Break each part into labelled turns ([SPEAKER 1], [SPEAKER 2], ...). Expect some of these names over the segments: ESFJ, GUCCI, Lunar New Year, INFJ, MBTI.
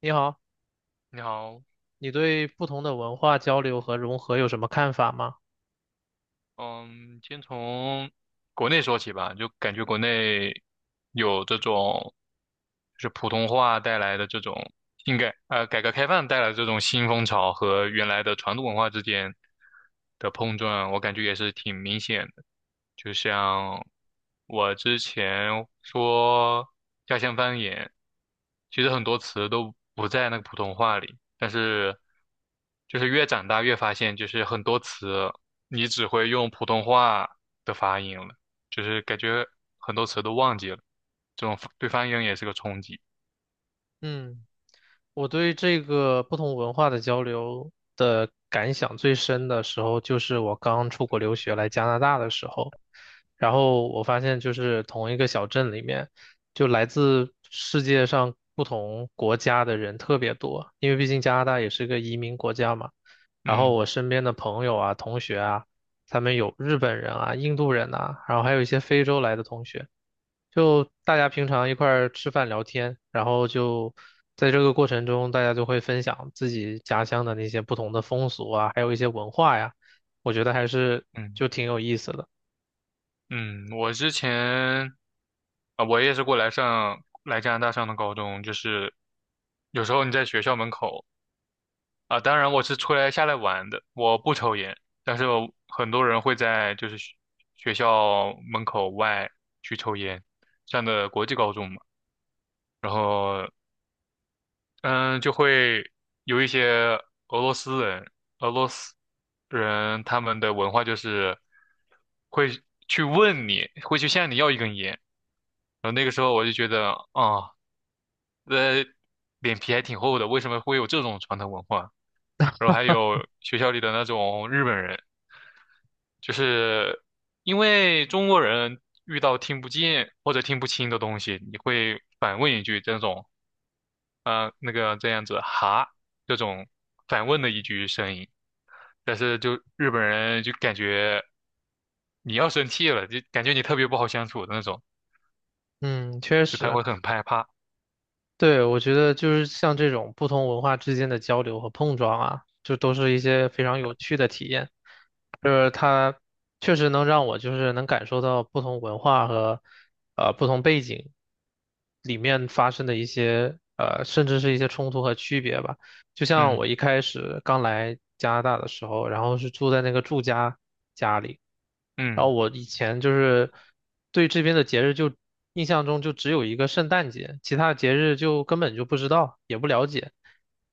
[SPEAKER 1] 你好，
[SPEAKER 2] 你好，
[SPEAKER 1] 你对不同的文化交流和融合有什么看法吗？
[SPEAKER 2] 嗯，先从国内说起吧，就感觉国内有这种，就是普通话带来的这种应该改革开放带来的这种新风潮和原来的传统文化之间的碰撞，我感觉也是挺明显的。就像我之前说家乡方言，其实很多词都不在那个普通话里，但是就是越长大越发现，就是很多词你只会用普通话的发音了，就是感觉很多词都忘记了，这种对方言也是个冲击。
[SPEAKER 1] 嗯，我对这个不同文化的交流的感想最深的时候，就是我刚出国留学来加拿大的时候，然后我发现就是同一个小镇里面，就来自世界上不同国家的人特别多，因为毕竟加拿大也是个移民国家嘛。然后
[SPEAKER 2] 嗯
[SPEAKER 1] 我身边的朋友啊、同学啊，他们有日本人啊、印度人呐，然后还有一些非洲来的同学。就大家平常一块儿吃饭聊天，然后就在这个过程中，大家就会分享自己家乡的那些不同的风俗啊，还有一些文化呀，我觉得还是
[SPEAKER 2] 嗯
[SPEAKER 1] 就挺有意思的。
[SPEAKER 2] 嗯。我之前啊，我也是过来上来加拿大上的高中，就是有时候你在学校门口。啊，当然我是出来下来玩的，我不抽烟，但是我很多人会在就是学校门口外去抽烟，上的国际高中嘛，然后嗯，就会有一些俄罗斯人，俄罗斯人他们的文化就是会去问你，会去向你要一根烟，然后那个时候我就觉得啊，呃，脸皮还挺厚的，为什么会有这种传统文化？然后还有学校里的那种日本人，就是因为中国人遇到听不见或者听不清的东西，你会反问一句这种，那个这样子哈这种反问的一句声音，但是就日本人就感觉你要生气了，就感觉你特别不好相处的那种，
[SPEAKER 1] 嗯，确
[SPEAKER 2] 就他
[SPEAKER 1] 实。
[SPEAKER 2] 会很害怕。
[SPEAKER 1] 对，我觉得就是像这种不同文化之间的交流和碰撞啊，就都是一些非常有趣的体验。就是它确实能让我就是能感受到不同文化和不同背景里面发生的一些甚至是一些冲突和区别吧。就像
[SPEAKER 2] 嗯
[SPEAKER 1] 我一开始刚来加拿大的时候，然后是住在那个住家家里，然
[SPEAKER 2] 嗯
[SPEAKER 1] 后我以前就是对这边的节日就印象中就只有一个圣诞节，其他节日就根本就不知道，也不了解，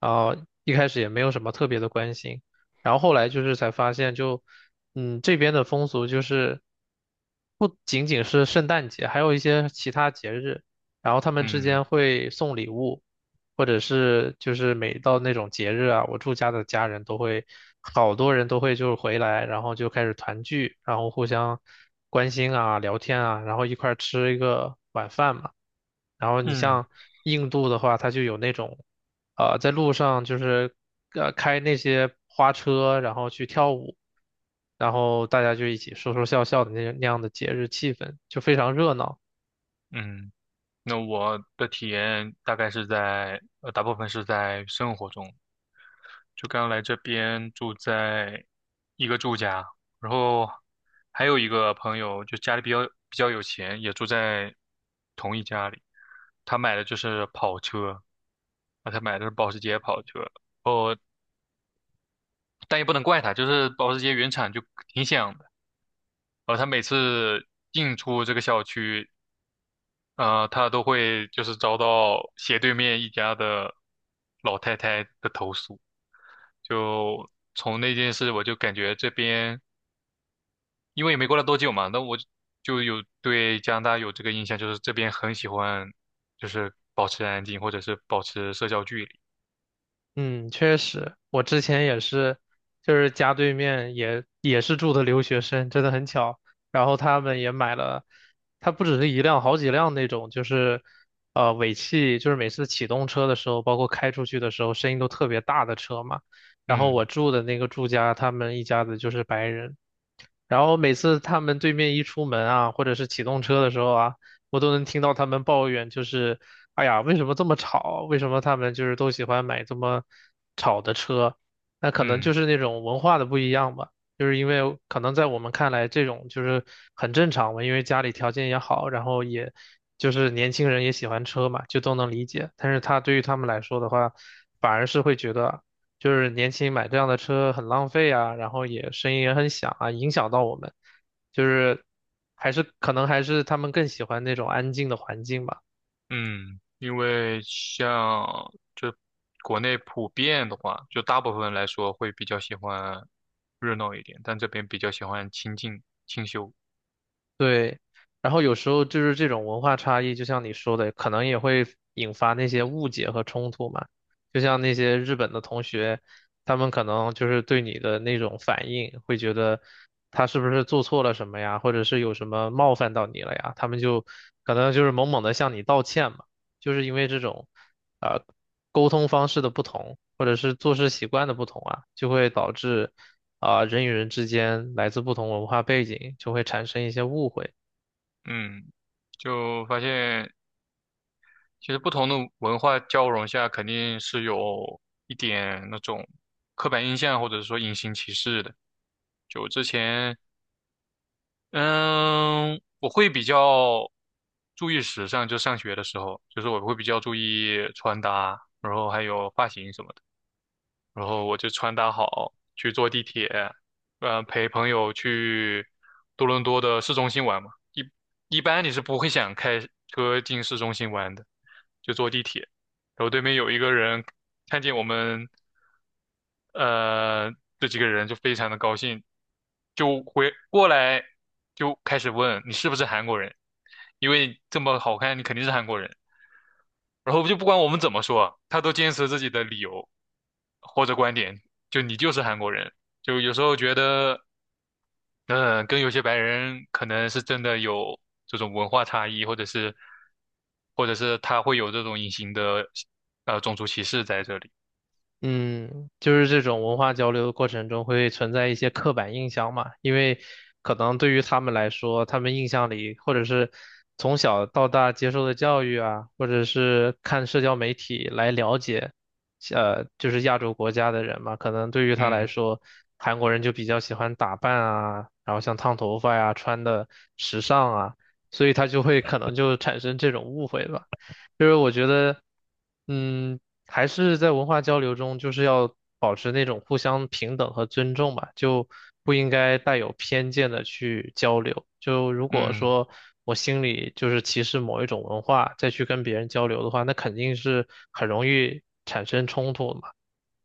[SPEAKER 1] 然后一开始也没有什么特别的关心，然后后来就是才发现就，这边的风俗就是不仅仅是圣诞节，还有一些其他节日。然后他们之间
[SPEAKER 2] 嗯
[SPEAKER 1] 会送礼物，或者是就是每到那种节日啊，我住家的家人都会，好多人都会就是回来，然后就开始团聚，然后互相关心啊、聊天啊，然后一块儿吃一个晚饭嘛。然后你
[SPEAKER 2] 嗯
[SPEAKER 1] 像印度的话，它就有那种，在路上就是开那些花车，然后去跳舞，然后大家就一起说说笑笑的那样的节日气氛，就非常热闹。
[SPEAKER 2] 嗯。那我的体验大概是在，大部分是在生活中。就刚来这边住在一个住家，然后还有一个朋友，就家里比较有钱，也住在同一家里。他买的就是跑车，啊，他买的是保时捷跑车。哦，但也不能怪他，就是保时捷原厂就挺响的。他每次进出这个小区，他都会就是遭到斜对面一家的老太太的投诉。就从那件事，我就感觉这边因为也没过了多久嘛，那我就有对加拿大有这个印象，就是这边很喜欢，就是保持安静或者是保持社交距离。
[SPEAKER 1] 嗯，确实，我之前也是，就是家对面也是住的留学生，真的很巧。然后他们也买了，他不只是一辆，好几辆那种，就是尾气，就是每次启动车的时候，包括开出去的时候，声音都特别大的车嘛。然后我
[SPEAKER 2] 嗯
[SPEAKER 1] 住的那个住家，他们一家子就是白人，然后每次他们对面一出门啊，或者是启动车的时候啊，我都能听到他们抱怨，就是哎呀，为什么这么吵？为什么他们就是都喜欢买这么吵的车？那可能就
[SPEAKER 2] 嗯
[SPEAKER 1] 是那种文化的不一样吧。就是因为可能在我们看来，这种就是很正常嘛，因为家里条件也好，然后也就是年轻人也喜欢车嘛，就都能理解。但是他对于他们来说的话，反而是会觉得。就是年轻买这样的车很浪费啊，然后也声音也很响啊，影响到我们，就是还是可能还是他们更喜欢那种安静的环境吧。
[SPEAKER 2] 嗯。因为像就国内普遍的话，就大部分来说会比较喜欢热闹一点，但这边比较喜欢清静清修。
[SPEAKER 1] 对，然后有时候就是这种文化差异，就像你说的，可能也会引发那些误解和冲突嘛。就像那些日本的同学，他们可能就是对你的那种反应，会觉得他是不是做错了什么呀，或者是有什么冒犯到你了呀，他们就可能就是猛猛的向你道歉嘛。就是因为这种，啊沟通方式的不同，或者是做事习惯的不同啊，就会导致。人与人之间来自不同文化背景就会产生一些误会，
[SPEAKER 2] 嗯，就发现其实不同的文化交融下，肯定是有一点那种刻板印象或者说隐形歧视的。就之前，嗯，我会比较注意时尚，就上学的时候，就是我会比较注意穿搭，然后还有发型什么的。然后我就穿搭好去坐地铁，陪朋友去多伦多的市中心玩嘛。一般你是不会想开车进市中心玩的，就坐地铁。然后对面有一个人看见我们，呃，这几个人就非常的高兴，就回过来就开始问你是不是韩国人，因为这么好看，你肯定是韩国人。然后就不管我们怎么说，他都坚持自己的理由或者观点，就你就是韩国人。就有时候觉得，嗯，跟有些白人可能是真的有这种文化差异，或者是，或者是他会有这种隐形的，种族歧视在这里。
[SPEAKER 1] 嗯，就是这种文化交流的过程中会存在一些刻板印象嘛，因为可能对于他们来说，他们印象里或者是从小到大接受的教育啊，或者是看社交媒体来了解，就是亚洲国家的人嘛，可能对于他来
[SPEAKER 2] 嗯
[SPEAKER 1] 说，韩国人就比较喜欢打扮啊，然后像烫头发呀、穿的时尚啊，所以他就会可能就产生这种误会吧。就是我觉得，嗯。还是在文化交流中，就是要保持那种互相平等和尊重吧，就不应该带有偏见的去交流。就如果
[SPEAKER 2] 嗯
[SPEAKER 1] 说我心里就是歧视某一种文化，再去跟别人交流的话，那肯定是很容易产生冲突的嘛。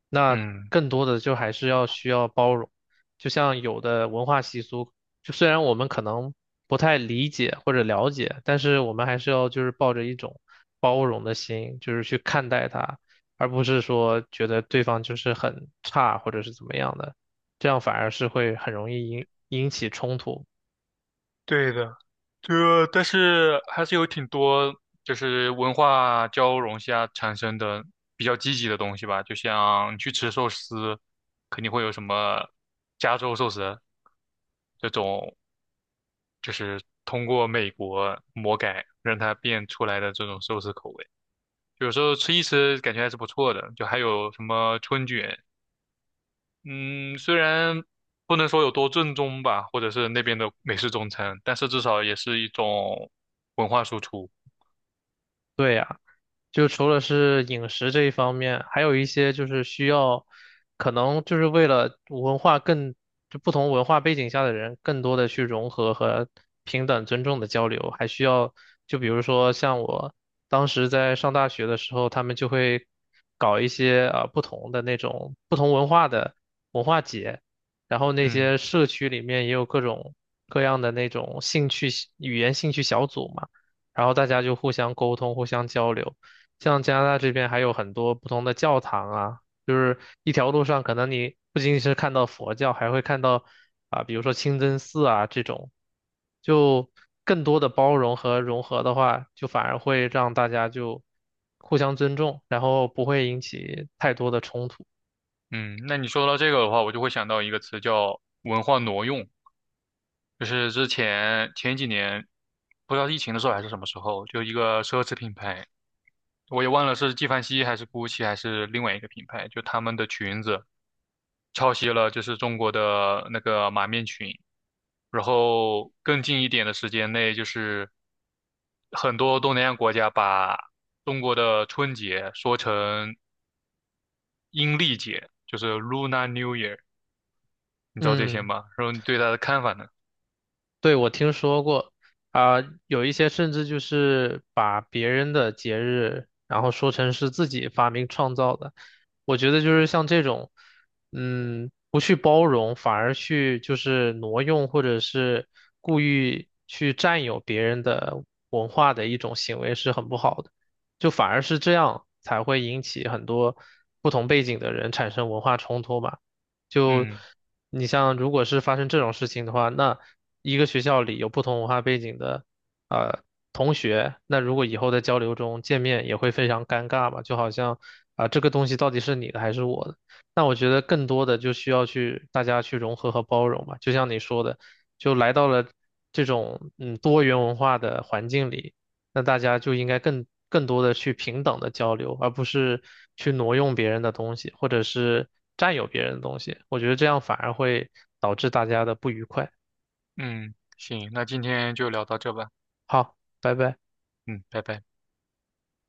[SPEAKER 1] 那
[SPEAKER 2] 嗯。
[SPEAKER 1] 更多的就还是要需要包容，就像有的文化习俗，就虽然我们可能不太理解或者了解，但是我们还是要就是抱着一种包容的心，就是去看待它。而不是说觉得对方就是很差或者是怎么样的，这样反而是会很容易引起冲突。
[SPEAKER 2] 对的，这但是还是有挺多就是文化交融下产生的比较积极的东西吧，就像你去吃寿司，肯定会有什么加州寿司这种，就是通过美国魔改让它变出来的这种寿司口味，有时候吃一吃感觉还是不错的，就还有什么春卷。嗯，虽然不能说有多正宗吧，或者是那边的美式中餐，但是至少也是一种文化输出。
[SPEAKER 1] 对呀。就除了是饮食这一方面，还有一些就是需要，可能就是为了文化更，就不同文化背景下的人更多的去融合和平等尊重的交流，还需要，就比如说像我当时在上大学的时候，他们就会搞一些不同的那种不同文化的文化节，然后那
[SPEAKER 2] 嗯
[SPEAKER 1] 些社区里面也有各种各样的那种兴趣语言兴趣小组嘛，然后大家就互相沟通，互相交流。像加拿大这边还有很多不同的教堂啊，就是一条路上可能你不仅仅是看到佛教，还会看到啊，比如说清真寺啊这种，就更多的包容和融合的话，就反而会让大家就互相尊重，然后不会引起太多的冲突。
[SPEAKER 2] 嗯，那你说到这个的话，我就会想到一个词叫文化挪用，就是之前前几年，不知道是疫情的时候还是什么时候，就一个奢侈品牌，我也忘了是纪梵希还是 GUCCI 还是另外一个品牌，就他们的裙子。抄袭了就是中国的那个马面裙，然后更近一点的时间内，就是很多东南亚国家把中国的春节说成阴历节，就是 Lunar New Year，你知道这些
[SPEAKER 1] 嗯。
[SPEAKER 2] 吗？然后你对它的看法呢？
[SPEAKER 1] 对，我听说过，啊、有一些甚至就是把别人的节日，然后说成是自己发明创造的。我觉得就是像这种，不去包容，反而去就是挪用或者是故意去占有别人的文化的一种行为是很不好的。就反而是这样才会引起很多不同背景的人产生文化冲突吧。就
[SPEAKER 2] 嗯
[SPEAKER 1] 你像，如果是发生这种事情的话，那一个学校里有不同文化背景的呃同学，那如果以后在交流中见面也会非常尴尬嘛，就好像这个东西到底是你的还是我的？那我觉得更多的就需要去大家去融合和包容嘛，就像你说的，就来到了这种多元文化的环境里。那大家就应该更多的去平等的交流，而不是去挪用别人的东西，或者是占有别人的东西。我觉得这样反而会导致大家的不愉快。
[SPEAKER 2] 嗯，行，那今天就聊到这吧，
[SPEAKER 1] 好，拜拜。
[SPEAKER 2] 嗯，拜拜。